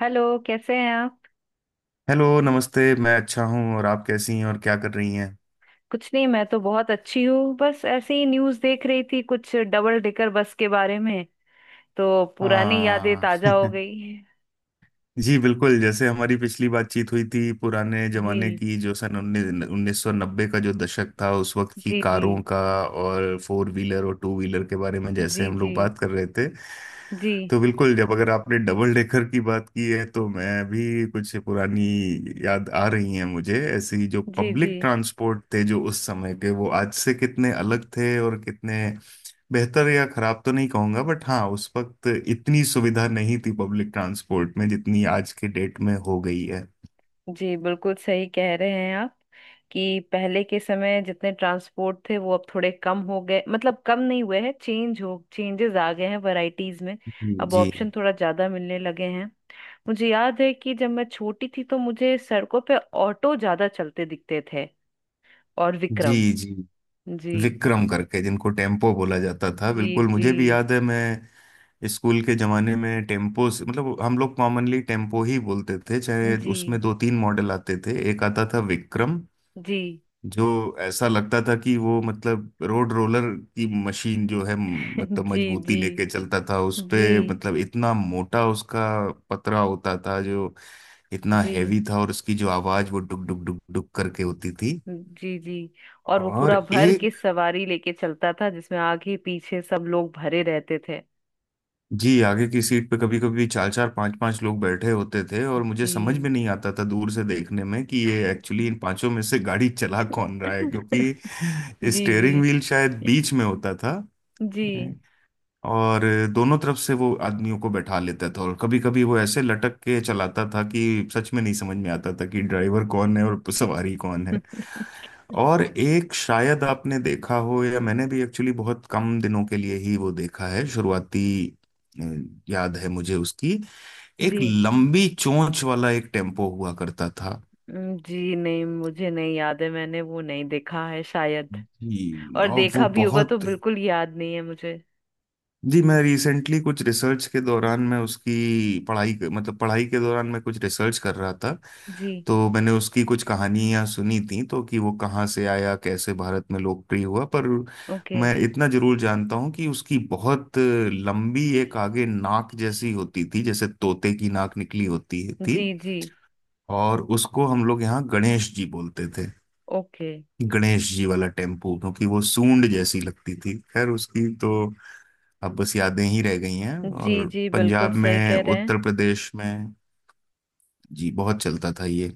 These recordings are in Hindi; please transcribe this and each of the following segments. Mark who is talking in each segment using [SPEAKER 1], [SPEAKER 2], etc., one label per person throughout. [SPEAKER 1] हेलो, कैसे हैं आप?
[SPEAKER 2] हेलो, नमस्ते। मैं अच्छा हूँ। और आप कैसी हैं और क्या कर रही हैं?
[SPEAKER 1] कुछ नहीं, मैं तो बहुत अच्छी हूँ। बस ऐसे ही न्यूज़ देख रही थी, कुछ डबल डेकर बस के बारे में। तो पुरानी यादें
[SPEAKER 2] हाँ।
[SPEAKER 1] ताजा हो गई।
[SPEAKER 2] जी, बिल्कुल। जैसे हमारी पिछली बातचीत हुई थी, पुराने
[SPEAKER 1] जी।
[SPEAKER 2] जमाने की, जो सन उन्नीस उन्नीस सौ नब्बे का जो दशक था, उस वक्त की
[SPEAKER 1] जी। जी।
[SPEAKER 2] कारों का और फोर व्हीलर और टू व्हीलर के बारे में जैसे
[SPEAKER 1] जी।
[SPEAKER 2] हम
[SPEAKER 1] जी।
[SPEAKER 2] लोग बात कर रहे थे।
[SPEAKER 1] जी।
[SPEAKER 2] तो बिल्कुल, जब अगर आपने डबल डेकर की बात की है तो मैं भी कुछ पुरानी याद आ रही है मुझे, ऐसी जो
[SPEAKER 1] जी। जी।
[SPEAKER 2] पब्लिक ट्रांसपोर्ट थे जो उस समय के, वो आज से कितने अलग थे और कितने बेहतर या खराब तो नहीं कहूंगा, बट हाँ उस वक्त इतनी सुविधा नहीं थी पब्लिक ट्रांसपोर्ट में जितनी आज के डेट में हो गई है।
[SPEAKER 1] जी बिल्कुल सही कह रहे हैं आप। कि पहले के समय जितने ट्रांसपोर्ट थे वो अब थोड़े कम हो गए, मतलब कम नहीं हुए हैं, चेंजेस आ गए हैं वैरायटीज में।
[SPEAKER 2] जी,
[SPEAKER 1] अब
[SPEAKER 2] जी,
[SPEAKER 1] ऑप्शन थोड़ा ज्यादा मिलने लगे हैं। मुझे याद है कि जब मैं छोटी थी तो मुझे सड़कों पे ऑटो ज्यादा चलते दिखते थे, और विक्रम।
[SPEAKER 2] जी, जी।
[SPEAKER 1] जी।
[SPEAKER 2] विक्रम करके जिनको टेम्पो बोला जाता था,
[SPEAKER 1] जी।
[SPEAKER 2] बिल्कुल
[SPEAKER 1] जी।
[SPEAKER 2] मुझे भी याद है। मैं स्कूल के जमाने में मतलब हम लोग कॉमनली टेम्पो ही बोलते थे। चाहे
[SPEAKER 1] जी।
[SPEAKER 2] उसमें दो तीन मॉडल आते थे, एक आता था विक्रम,
[SPEAKER 1] जी।
[SPEAKER 2] जो ऐसा लगता था कि वो मतलब रोड रोलर की मशीन जो है, मतलब
[SPEAKER 1] जी।
[SPEAKER 2] मजबूती
[SPEAKER 1] जी।
[SPEAKER 2] लेके चलता था उस पे,
[SPEAKER 1] जी।
[SPEAKER 2] मतलब इतना मोटा उसका पतरा होता था जो इतना
[SPEAKER 1] जी।
[SPEAKER 2] हैवी था, और उसकी जो आवाज वो डुक डुक डुक डुक करके होती थी।
[SPEAKER 1] जी। जी। और वो
[SPEAKER 2] और
[SPEAKER 1] पूरा भर के
[SPEAKER 2] एक,
[SPEAKER 1] सवारी लेके चलता था जिसमें आगे पीछे सब लोग भरे रहते थे।
[SPEAKER 2] जी। आगे की सीट पे कभी कभी चार चार पांच पांच लोग बैठे होते थे, और मुझे समझ में
[SPEAKER 1] जी।
[SPEAKER 2] नहीं आता था दूर से देखने में कि ये एक्चुअली इन पांचों में से गाड़ी चला कौन रहा है, क्योंकि
[SPEAKER 1] जी। जी।
[SPEAKER 2] स्टेयरिंग व्हील शायद बीच में होता था।
[SPEAKER 1] जी।
[SPEAKER 2] और दोनों तरफ से वो आदमियों को बैठा लेता था, और कभी कभी वो ऐसे लटक के चलाता था कि सच में नहीं समझ में आता था कि ड्राइवर कौन है और सवारी कौन है। और एक, शायद आपने देखा हो, या मैंने भी एक्चुअली बहुत कम दिनों के लिए ही वो देखा है शुरुआती। अ, याद है मुझे उसकी, एक
[SPEAKER 1] जी।
[SPEAKER 2] लंबी चोंच वाला एक टेम्पो हुआ करता था।
[SPEAKER 1] जी नहीं, मुझे नहीं याद है, मैंने वो नहीं देखा है शायद।
[SPEAKER 2] जी।
[SPEAKER 1] और
[SPEAKER 2] और वो
[SPEAKER 1] देखा भी होगा तो
[SPEAKER 2] बहुत,
[SPEAKER 1] बिल्कुल याद नहीं है मुझे।
[SPEAKER 2] जी। मैं रिसेंटली कुछ रिसर्च के दौरान, मैं उसकी पढ़ाई, मतलब पढ़ाई के दौरान मैं कुछ रिसर्च कर रहा था,
[SPEAKER 1] जी।
[SPEAKER 2] तो मैंने उसकी कुछ कहानियां सुनी थी तो, कि वो कहाँ से आया, कैसे भारत में लोकप्रिय हुआ, पर
[SPEAKER 1] ओके।
[SPEAKER 2] मैं इतना जरूर जानता हूँ कि उसकी बहुत लंबी एक आगे नाक जैसी होती थी, जैसे तोते की नाक निकली होती थी।
[SPEAKER 1] जी। जी।
[SPEAKER 2] और उसको हम लोग यहाँ गणेश जी बोलते थे।
[SPEAKER 1] ओके।
[SPEAKER 2] गणेश जी वाला टेम्पू, क्योंकि वो सूंड जैसी लगती थी। खैर, उसकी तो अब बस यादें ही रह गई हैं।
[SPEAKER 1] जी।
[SPEAKER 2] और
[SPEAKER 1] जी बिल्कुल
[SPEAKER 2] पंजाब
[SPEAKER 1] सही
[SPEAKER 2] में,
[SPEAKER 1] कह रहे हैं।
[SPEAKER 2] उत्तर प्रदेश में, जी, बहुत चलता था ये।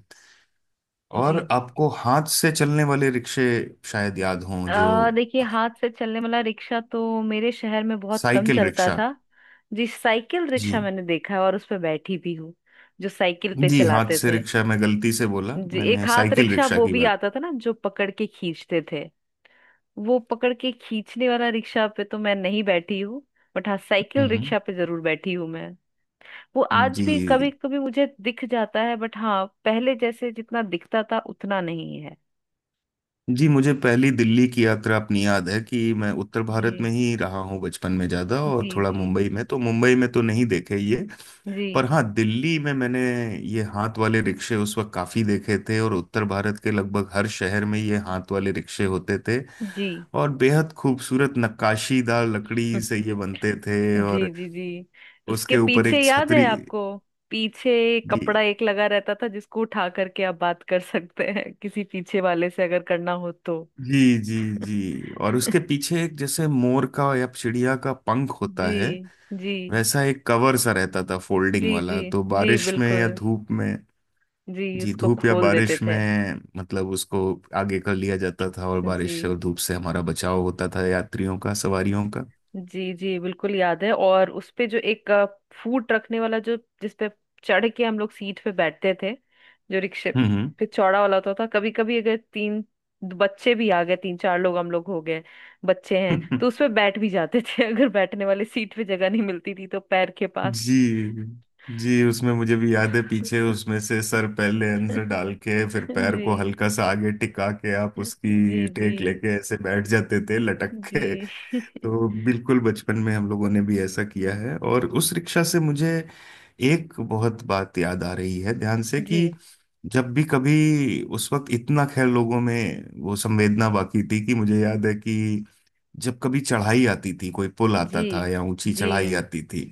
[SPEAKER 2] और
[SPEAKER 1] जी।
[SPEAKER 2] आपको हाथ से चलने वाले रिक्शे शायद याद हों जो,
[SPEAKER 1] आ देखिए, हाथ से चलने वाला रिक्शा तो मेरे शहर में बहुत कम
[SPEAKER 2] साइकिल
[SPEAKER 1] चलता
[SPEAKER 2] रिक्शा।
[SPEAKER 1] था। जी, साइकिल रिक्शा
[SPEAKER 2] जी,
[SPEAKER 1] मैंने देखा है, और उस पर बैठी भी हूँ। जो साइकिल पे
[SPEAKER 2] जी, हाथ
[SPEAKER 1] चलाते
[SPEAKER 2] से
[SPEAKER 1] थे।
[SPEAKER 2] रिक्शा मैं गलती से बोला,
[SPEAKER 1] जी, एक
[SPEAKER 2] मैंने
[SPEAKER 1] हाथ
[SPEAKER 2] साइकिल
[SPEAKER 1] रिक्शा
[SPEAKER 2] रिक्शा
[SPEAKER 1] वो
[SPEAKER 2] की
[SPEAKER 1] भी
[SPEAKER 2] बात।
[SPEAKER 1] आता था ना, जो पकड़ के खींचते थे। वो पकड़ के खींचने वाला रिक्शा पे तो मैं नहीं बैठी हूँ। बट हाँ, साइकिल
[SPEAKER 2] हम्म।
[SPEAKER 1] रिक्शा पे जरूर बैठी हूँ मैं। वो आज भी कभी
[SPEAKER 2] जी,
[SPEAKER 1] कभी मुझे दिख जाता है, बट हाँ, पहले जैसे जितना दिखता था उतना नहीं है।
[SPEAKER 2] जी, मुझे पहली दिल्ली की यात्रा अपनी याद है कि मैं उत्तर
[SPEAKER 1] जी।
[SPEAKER 2] भारत में ही रहा हूँ बचपन में ज़्यादा, और
[SPEAKER 1] जी।
[SPEAKER 2] थोड़ा
[SPEAKER 1] जी।
[SPEAKER 2] मुंबई में, तो मुंबई में तो नहीं देखे ये।
[SPEAKER 1] जी।
[SPEAKER 2] पर हाँ, दिल्ली में मैंने ये हाथ वाले रिक्शे उस वक्त काफी देखे थे, और उत्तर भारत के लगभग हर शहर में ये हाथ वाले रिक्शे होते थे।
[SPEAKER 1] जी।
[SPEAKER 2] और बेहद खूबसूरत नक्काशीदार लकड़ी से ये बनते थे।
[SPEAKER 1] जी।
[SPEAKER 2] और
[SPEAKER 1] जी। जी। उसके
[SPEAKER 2] उसके ऊपर
[SPEAKER 1] पीछे
[SPEAKER 2] एक
[SPEAKER 1] याद है
[SPEAKER 2] छतरी।
[SPEAKER 1] आपको, पीछे कपड़ा
[SPEAKER 2] जी,
[SPEAKER 1] एक लगा रहता था, जिसको उठा करके आप बात कर सकते हैं किसी पीछे वाले से अगर करना हो तो।
[SPEAKER 2] जी, जी, जी, और उसके पीछे एक जैसे मोर का या चिड़िया का पंख होता
[SPEAKER 1] जी।
[SPEAKER 2] है,
[SPEAKER 1] जी।
[SPEAKER 2] वैसा एक कवर सा रहता था
[SPEAKER 1] जी।
[SPEAKER 2] फोल्डिंग
[SPEAKER 1] जी।
[SPEAKER 2] वाला, तो
[SPEAKER 1] जी
[SPEAKER 2] बारिश में या
[SPEAKER 1] बिल्कुल।
[SPEAKER 2] धूप में,
[SPEAKER 1] जी,
[SPEAKER 2] जी,
[SPEAKER 1] उसको
[SPEAKER 2] धूप या
[SPEAKER 1] खोल देते
[SPEAKER 2] बारिश
[SPEAKER 1] थे।
[SPEAKER 2] में मतलब उसको आगे कर लिया जाता था, और
[SPEAKER 1] जी।
[SPEAKER 2] बारिश और धूप से हमारा बचाव होता था, यात्रियों का, सवारियों का।
[SPEAKER 1] जी। जी बिल्कुल याद है। और उस पे जो एक फूट रखने वाला जो, जिस पे चढ़ के हम लोग सीट पे बैठते थे, जो रिक्शे
[SPEAKER 2] हम्म।
[SPEAKER 1] पे चौड़ा वाला होता था। कभी कभी अगर तीन बच्चे भी आ गए, तीन चार लोग हम लोग हो गए, बच्चे हैं
[SPEAKER 2] हम्म।
[SPEAKER 1] तो उस पे बैठ भी जाते थे। अगर बैठने वाली सीट पे जगह नहीं मिलती थी तो पैर के पास।
[SPEAKER 2] जी, जी, उसमें मुझे भी याद है पीछे उसमें से सर पहले अंदर डाल के फिर पैर
[SPEAKER 1] जी।
[SPEAKER 2] को हल्का सा आगे टिका के आप उसकी
[SPEAKER 1] जी। जी।
[SPEAKER 2] टेक लेके ऐसे बैठ जाते थे लटक
[SPEAKER 1] जी।
[SPEAKER 2] के। तो बिल्कुल बचपन में हम लोगों ने भी ऐसा किया है। और उस रिक्शा से मुझे एक बहुत बात याद आ रही है ध्यान से,
[SPEAKER 1] जी।
[SPEAKER 2] कि जब भी कभी उस वक्त इतना, खैर, लोगों में वो संवेदना बाकी थी कि मुझे याद है कि जब कभी चढ़ाई आती थी, कोई पुल आता
[SPEAKER 1] जी।
[SPEAKER 2] था या ऊंची
[SPEAKER 1] जी।
[SPEAKER 2] चढ़ाई आती थी,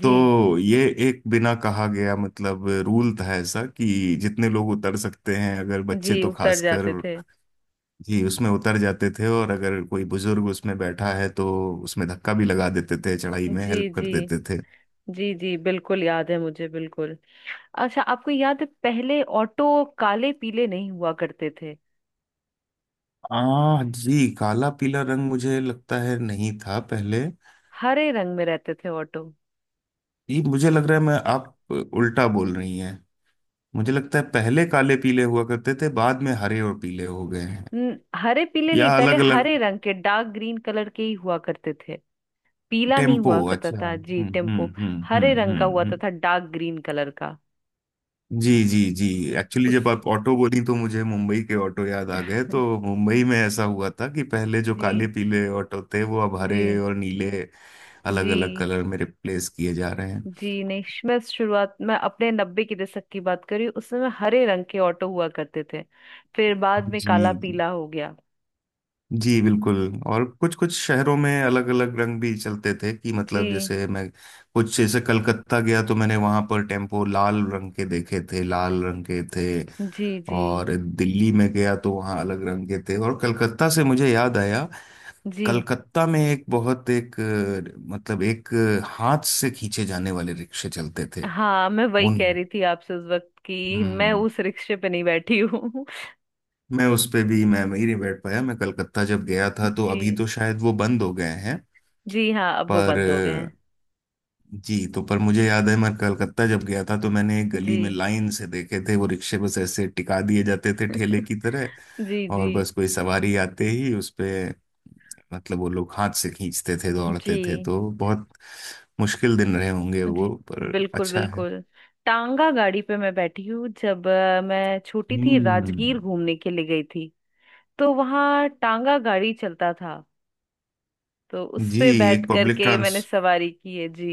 [SPEAKER 1] जी।
[SPEAKER 2] तो ये एक बिना कहा गया मतलब रूल था ऐसा, कि जितने लोग उतर सकते हैं, अगर बच्चे
[SPEAKER 1] जी
[SPEAKER 2] तो
[SPEAKER 1] उतर
[SPEAKER 2] खासकर,
[SPEAKER 1] जाते थे।
[SPEAKER 2] जी, उसमें उतर जाते थे। और अगर कोई बुजुर्ग उसमें बैठा है तो उसमें धक्का भी लगा देते थे, चढ़ाई में
[SPEAKER 1] जी।
[SPEAKER 2] हेल्प कर
[SPEAKER 1] जी।
[SPEAKER 2] देते थे।
[SPEAKER 1] जी। जी बिल्कुल याद है मुझे, बिल्कुल। अच्छा, आपको याद है पहले ऑटो काले पीले नहीं हुआ करते थे?
[SPEAKER 2] आ, जी, काला पीला रंग मुझे लगता है नहीं था पहले।
[SPEAKER 1] हरे रंग में रहते थे ऑटो।
[SPEAKER 2] ये मुझे लग रहा है मैं, आप उल्टा बोल रही हैं। मुझे लगता है पहले काले पीले हुआ करते थे, बाद में हरे और पीले हो गए हैं,
[SPEAKER 1] हरे पीले नहीं,
[SPEAKER 2] या
[SPEAKER 1] पहले
[SPEAKER 2] अलग अलग।
[SPEAKER 1] हरे रंग के, डार्क ग्रीन कलर के ही हुआ करते थे। पीला नहीं
[SPEAKER 2] टेम्पो,
[SPEAKER 1] हुआ करता
[SPEAKER 2] अच्छा,
[SPEAKER 1] था जी
[SPEAKER 2] हम्म, हम्म,
[SPEAKER 1] टेम्पो।
[SPEAKER 2] हम्म,
[SPEAKER 1] हरे रंग का हुआ
[SPEAKER 2] हम्म,
[SPEAKER 1] तो
[SPEAKER 2] हम्म।
[SPEAKER 1] था, डार्क ग्रीन कलर का।
[SPEAKER 2] जी, जी, जी, एक्चुअली
[SPEAKER 1] उस।
[SPEAKER 2] जब आप ऑटो बोली तो मुझे मुंबई के ऑटो याद आ गए, तो मुंबई में ऐसा हुआ था कि पहले जो काले
[SPEAKER 1] जी।
[SPEAKER 2] पीले ऑटो थे वो अब
[SPEAKER 1] जी।
[SPEAKER 2] हरे और नीले अलग अलग
[SPEAKER 1] जी।
[SPEAKER 2] कलर में रिप्लेस किए जा रहे हैं।
[SPEAKER 1] जी नहीं, मैं शुरुआत में अपने 90 की दशक की बात करी। उस समय हरे रंग के ऑटो हुआ करते थे, फिर बाद में
[SPEAKER 2] जी,
[SPEAKER 1] काला
[SPEAKER 2] जी,
[SPEAKER 1] पीला हो गया।
[SPEAKER 2] जी, बिल्कुल। और कुछ कुछ शहरों में अलग अलग रंग भी चलते थे कि मतलब,
[SPEAKER 1] जी।
[SPEAKER 2] जैसे मैं कुछ, जैसे कलकत्ता गया तो मैंने वहां पर टेम्पो लाल रंग के देखे थे, लाल रंग के थे।
[SPEAKER 1] जी। जी।
[SPEAKER 2] और दिल्ली में गया तो वहाँ अलग रंग के थे, और कलकत्ता से मुझे याद आया,
[SPEAKER 1] जी।
[SPEAKER 2] कलकत्ता में एक बहुत एक मतलब एक हाथ से खींचे जाने वाले रिक्शे चलते थे।
[SPEAKER 1] हाँ, मैं वही
[SPEAKER 2] उन।
[SPEAKER 1] कह रही थी आपसे उस वक्त, कि मैं
[SPEAKER 2] हम्म।
[SPEAKER 1] उस रिक्शे पे नहीं बैठी हूँ।
[SPEAKER 2] मैं उस पे भी मैं ही नहीं बैठ पाया, मैं कलकत्ता जब गया था, तो अभी
[SPEAKER 1] जी।
[SPEAKER 2] तो शायद वो बंद हो गए हैं।
[SPEAKER 1] जी हाँ, अब वो
[SPEAKER 2] पर
[SPEAKER 1] बंद हो गए हैं।
[SPEAKER 2] अ, जी तो, पर मुझे याद है मैं कलकत्ता जब गया था तो मैंने एक गली
[SPEAKER 1] जी।
[SPEAKER 2] में लाइन से देखे थे वो रिक्शे, बस ऐसे टिका दिए जाते थे ठेले की तरह।
[SPEAKER 1] जी। जी।
[SPEAKER 2] और बस कोई सवारी आते ही उस पे, मतलब वो लोग हाथ से खींचते थे, दौड़ते थे,
[SPEAKER 1] जी।
[SPEAKER 2] तो बहुत मुश्किल दिन रहे होंगे
[SPEAKER 1] जी
[SPEAKER 2] वो, पर
[SPEAKER 1] बिल्कुल,
[SPEAKER 2] अच्छा है।
[SPEAKER 1] बिल्कुल। टांगा गाड़ी पे मैं बैठी हूँ, जब मैं छोटी थी
[SPEAKER 2] हम्म।
[SPEAKER 1] राजगीर घूमने के लिए गई थी। तो वहाँ टांगा गाड़ी चलता था। तो उस
[SPEAKER 2] जी।
[SPEAKER 1] पे बैठ
[SPEAKER 2] एक पब्लिक
[SPEAKER 1] करके
[SPEAKER 2] ट्रांस,
[SPEAKER 1] मैंने सवारी की है जी।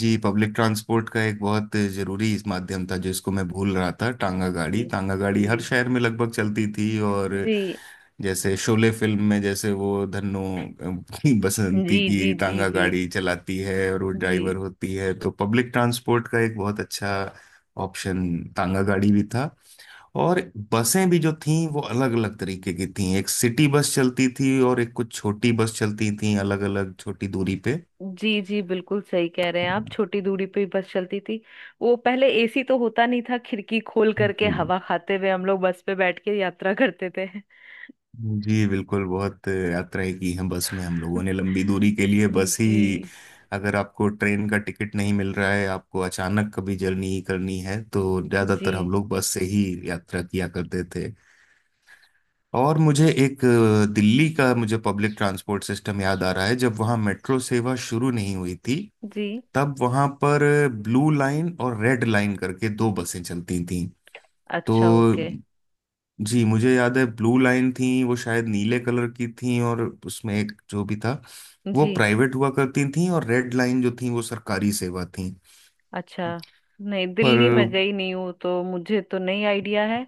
[SPEAKER 2] जी, पब्लिक ट्रांसपोर्ट का एक बहुत जरूरी इस माध्यम था जिसको मैं भूल रहा था, टांगा गाड़ी।
[SPEAKER 1] जी।
[SPEAKER 2] टांगा गाड़ी
[SPEAKER 1] जी।
[SPEAKER 2] हर शहर में लगभग चलती थी। और
[SPEAKER 1] जी।
[SPEAKER 2] जैसे शोले फिल्म में जैसे वो धन्नो
[SPEAKER 1] जी।
[SPEAKER 2] बसंती
[SPEAKER 1] जी।
[SPEAKER 2] की
[SPEAKER 1] जी।
[SPEAKER 2] टांगा
[SPEAKER 1] जी।
[SPEAKER 2] गाड़ी चलाती है और वो ड्राइवर
[SPEAKER 1] जी।
[SPEAKER 2] होती है, तो पब्लिक ट्रांसपोर्ट का एक बहुत अच्छा ऑप्शन टांगा गाड़ी भी था। और बसें भी जो थीं वो अलग अलग तरीके की थीं, एक सिटी बस चलती थी और एक कुछ छोटी बस चलती थी अलग अलग छोटी दूरी पे।
[SPEAKER 1] जी। जी बिल्कुल सही कह रहे हैं
[SPEAKER 2] हाँ,
[SPEAKER 1] आप, छोटी दूरी पे ही बस चलती थी। वो पहले एसी तो होता नहीं था, खिड़की खोल करके
[SPEAKER 2] जी,
[SPEAKER 1] हवा खाते हुए हम लोग बस पे बैठ के यात्रा करते थे।
[SPEAKER 2] जी, बिल्कुल, बहुत यात्राएं की हैं बस में हम लोगों ने, लंबी दूरी के लिए बस ही,
[SPEAKER 1] जी।
[SPEAKER 2] अगर आपको ट्रेन का टिकट नहीं मिल रहा है, आपको अचानक कभी जर्नी करनी है तो
[SPEAKER 1] जी।
[SPEAKER 2] ज्यादातर हम लोग बस से ही यात्रा किया करते थे। और मुझे एक दिल्ली का मुझे पब्लिक ट्रांसपोर्ट सिस्टम याद आ रहा है, जब वहाँ मेट्रो सेवा शुरू नहीं हुई थी,
[SPEAKER 1] जी।
[SPEAKER 2] तब वहां पर ब्लू लाइन और रेड लाइन करके दो बसें चलती थीं। तो
[SPEAKER 1] अच्छा, ओके।
[SPEAKER 2] जी मुझे याद है, ब्लू लाइन थी वो शायद नीले कलर की थी, और उसमें एक जो भी था वो
[SPEAKER 1] जी।
[SPEAKER 2] प्राइवेट हुआ करती थी, और रेड लाइन जो थी वो सरकारी सेवा थी।
[SPEAKER 1] अच्छा, नहीं,
[SPEAKER 2] पर
[SPEAKER 1] दिल्ली में गई नहीं हूँ तो मुझे तो नहीं आइडिया है।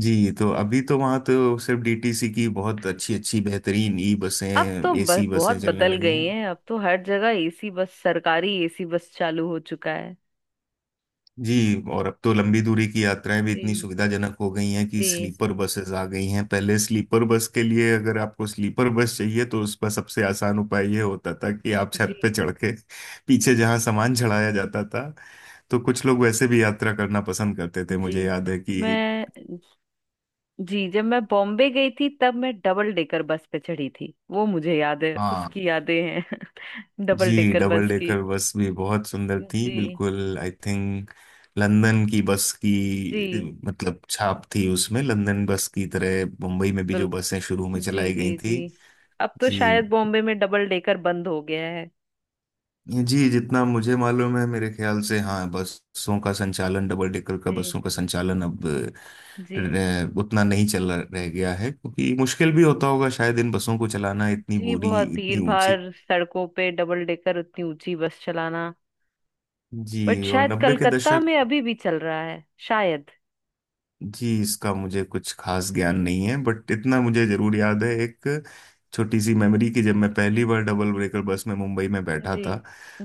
[SPEAKER 2] जी तो, अभी तो वहां तो सिर्फ डीटीसी की बहुत अच्छी अच्छी बेहतरीन ई बसें,
[SPEAKER 1] अब तो
[SPEAKER 2] एसी
[SPEAKER 1] बहुत
[SPEAKER 2] बसें चलने
[SPEAKER 1] बदल
[SPEAKER 2] लगी
[SPEAKER 1] गई
[SPEAKER 2] हैं।
[SPEAKER 1] हैं, अब तो हर जगह एसी बस, सरकारी एसी बस चालू हो चुका है।
[SPEAKER 2] जी, और अब तो लंबी दूरी की यात्राएं भी इतनी
[SPEAKER 1] जी।
[SPEAKER 2] सुविधाजनक हो गई हैं कि
[SPEAKER 1] जी।
[SPEAKER 2] स्लीपर बसेस आ गई हैं। पहले स्लीपर बस के लिए, अगर आपको स्लीपर बस चाहिए तो उसका सबसे आसान उपाय ये होता था कि आप
[SPEAKER 1] जी।
[SPEAKER 2] छत पे चढ़ के पीछे जहां सामान चढ़ाया जाता था, तो कुछ लोग वैसे भी यात्रा करना पसंद करते थे,
[SPEAKER 1] जी।
[SPEAKER 2] मुझे याद है कि
[SPEAKER 1] मैं। जी, जब मैं बॉम्बे गई थी तब मैं डबल डेकर बस पे चढ़ी थी, वो मुझे याद है,
[SPEAKER 2] हाँ,
[SPEAKER 1] उसकी यादें हैं। डबल
[SPEAKER 2] जी,
[SPEAKER 1] डेकर
[SPEAKER 2] डबल
[SPEAKER 1] बस की।
[SPEAKER 2] डेकर बस भी बहुत सुंदर थी
[SPEAKER 1] जी।
[SPEAKER 2] बिल्कुल। आई थिंक लंदन की बस की
[SPEAKER 1] जी
[SPEAKER 2] मतलब छाप थी उसमें, लंदन बस की तरह मुंबई में भी जो बसें
[SPEAKER 1] बिल्कुल।
[SPEAKER 2] शुरू में
[SPEAKER 1] जी।
[SPEAKER 2] चलाई गई
[SPEAKER 1] जी। जी।
[SPEAKER 2] थी।
[SPEAKER 1] अब तो
[SPEAKER 2] जी,
[SPEAKER 1] शायद बॉम्बे में डबल डेकर बंद हो गया है।
[SPEAKER 2] जी, जितना मुझे मालूम है, मेरे ख्याल से हाँ, बसों का संचालन, डबल डेकर का
[SPEAKER 1] जी।
[SPEAKER 2] बसों का संचालन अब
[SPEAKER 1] जी।
[SPEAKER 2] उतना नहीं चल रह गया है, क्योंकि मुश्किल भी होता होगा शायद इन बसों को चलाना, इतनी
[SPEAKER 1] जी,
[SPEAKER 2] बुरी,
[SPEAKER 1] बहुत भीड़
[SPEAKER 2] इतनी ऊंची।
[SPEAKER 1] भाड़ सड़कों पे डबल डेकर उतनी ऊंची बस चलाना।
[SPEAKER 2] जी,
[SPEAKER 1] बट
[SPEAKER 2] और
[SPEAKER 1] शायद
[SPEAKER 2] 90 के
[SPEAKER 1] कलकत्ता
[SPEAKER 2] दशक,
[SPEAKER 1] में अभी भी चल रहा है शायद।
[SPEAKER 2] जी, इसका मुझे कुछ खास ज्ञान नहीं है, बट इतना मुझे जरूर याद है एक छोटी सी मेमोरी, कि जब मैं पहली बार डबल ब्रेकर बस में मुंबई में बैठा
[SPEAKER 1] जी।
[SPEAKER 2] था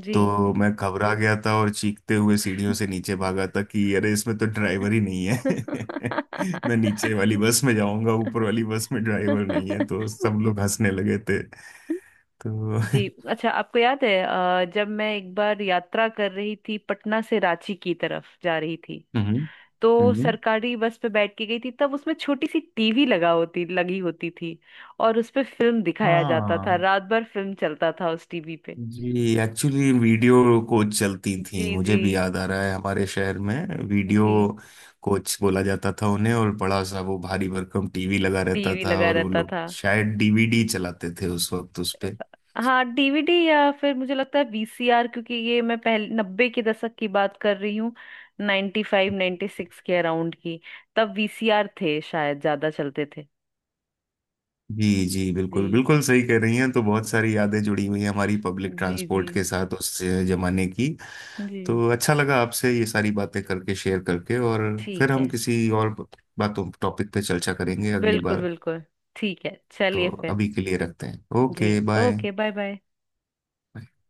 [SPEAKER 1] जी।
[SPEAKER 2] तो मैं घबरा गया था, और चीखते हुए सीढ़ियों से नीचे भागा था कि अरे, इसमें तो ड्राइवर ही नहीं है। मैं नीचे वाली बस में जाऊंगा, ऊपर वाली बस में ड्राइवर नहीं है, तो सब लोग हंसने लगे थे। तो
[SPEAKER 1] जी। अच्छा, आपको याद है जब मैं एक बार यात्रा कर रही थी, पटना से रांची की तरफ जा रही थी?
[SPEAKER 2] हम्म।
[SPEAKER 1] तो
[SPEAKER 2] हम्म।
[SPEAKER 1] सरकारी बस पे बैठ के गई थी, तब उसमें छोटी सी टीवी लगा होती लगी होती थी। और उस पे फिल्म दिखाया जाता था,
[SPEAKER 2] हाँ,
[SPEAKER 1] रात भर फिल्म चलता था उस टीवी पे।
[SPEAKER 2] जी, एक्चुअली वीडियो कोच चलती थी,
[SPEAKER 1] जी।
[SPEAKER 2] मुझे
[SPEAKER 1] जी।
[SPEAKER 2] भी याद आ रहा है हमारे शहर में, वीडियो
[SPEAKER 1] जी।
[SPEAKER 2] कोच बोला जाता था उन्हें, और बड़ा सा वो भारी भरकम टीवी लगा रहता
[SPEAKER 1] टीवी
[SPEAKER 2] था
[SPEAKER 1] लगा
[SPEAKER 2] और वो
[SPEAKER 1] रहता
[SPEAKER 2] लोग
[SPEAKER 1] था।
[SPEAKER 2] शायद डीवीडी चलाते थे उस वक्त उस पे।
[SPEAKER 1] हाँ, डीवीडी, या फिर मुझे लगता है वीसीआर, क्योंकि ये मैं पहले 90 के दशक की बात कर रही हूँ। 95 96 के अराउंड की। तब वीसीआर थे शायद ज्यादा चलते थे।
[SPEAKER 2] जी, जी, बिल्कुल
[SPEAKER 1] जी।
[SPEAKER 2] बिल्कुल सही कह रही हैं, तो बहुत सारी यादें जुड़ी हुई हैं हमारी पब्लिक
[SPEAKER 1] जी। जी।
[SPEAKER 2] ट्रांसपोर्ट के साथ उस जमाने की।
[SPEAKER 1] जी।
[SPEAKER 2] तो अच्छा लगा आपसे ये सारी बातें करके, शेयर करके, और फिर
[SPEAKER 1] ठीक
[SPEAKER 2] हम
[SPEAKER 1] है।
[SPEAKER 2] किसी और बातों, टॉपिक पे चर्चा करेंगे अगली
[SPEAKER 1] बिल्कुल,
[SPEAKER 2] बार।
[SPEAKER 1] बिल्कुल। ठीक है,
[SPEAKER 2] तो
[SPEAKER 1] चलिए फिर।
[SPEAKER 2] अभी के लिए रखते हैं,
[SPEAKER 1] जी।
[SPEAKER 2] Okay, bye.
[SPEAKER 1] Okay, bye bye.
[SPEAKER 2] हम्म।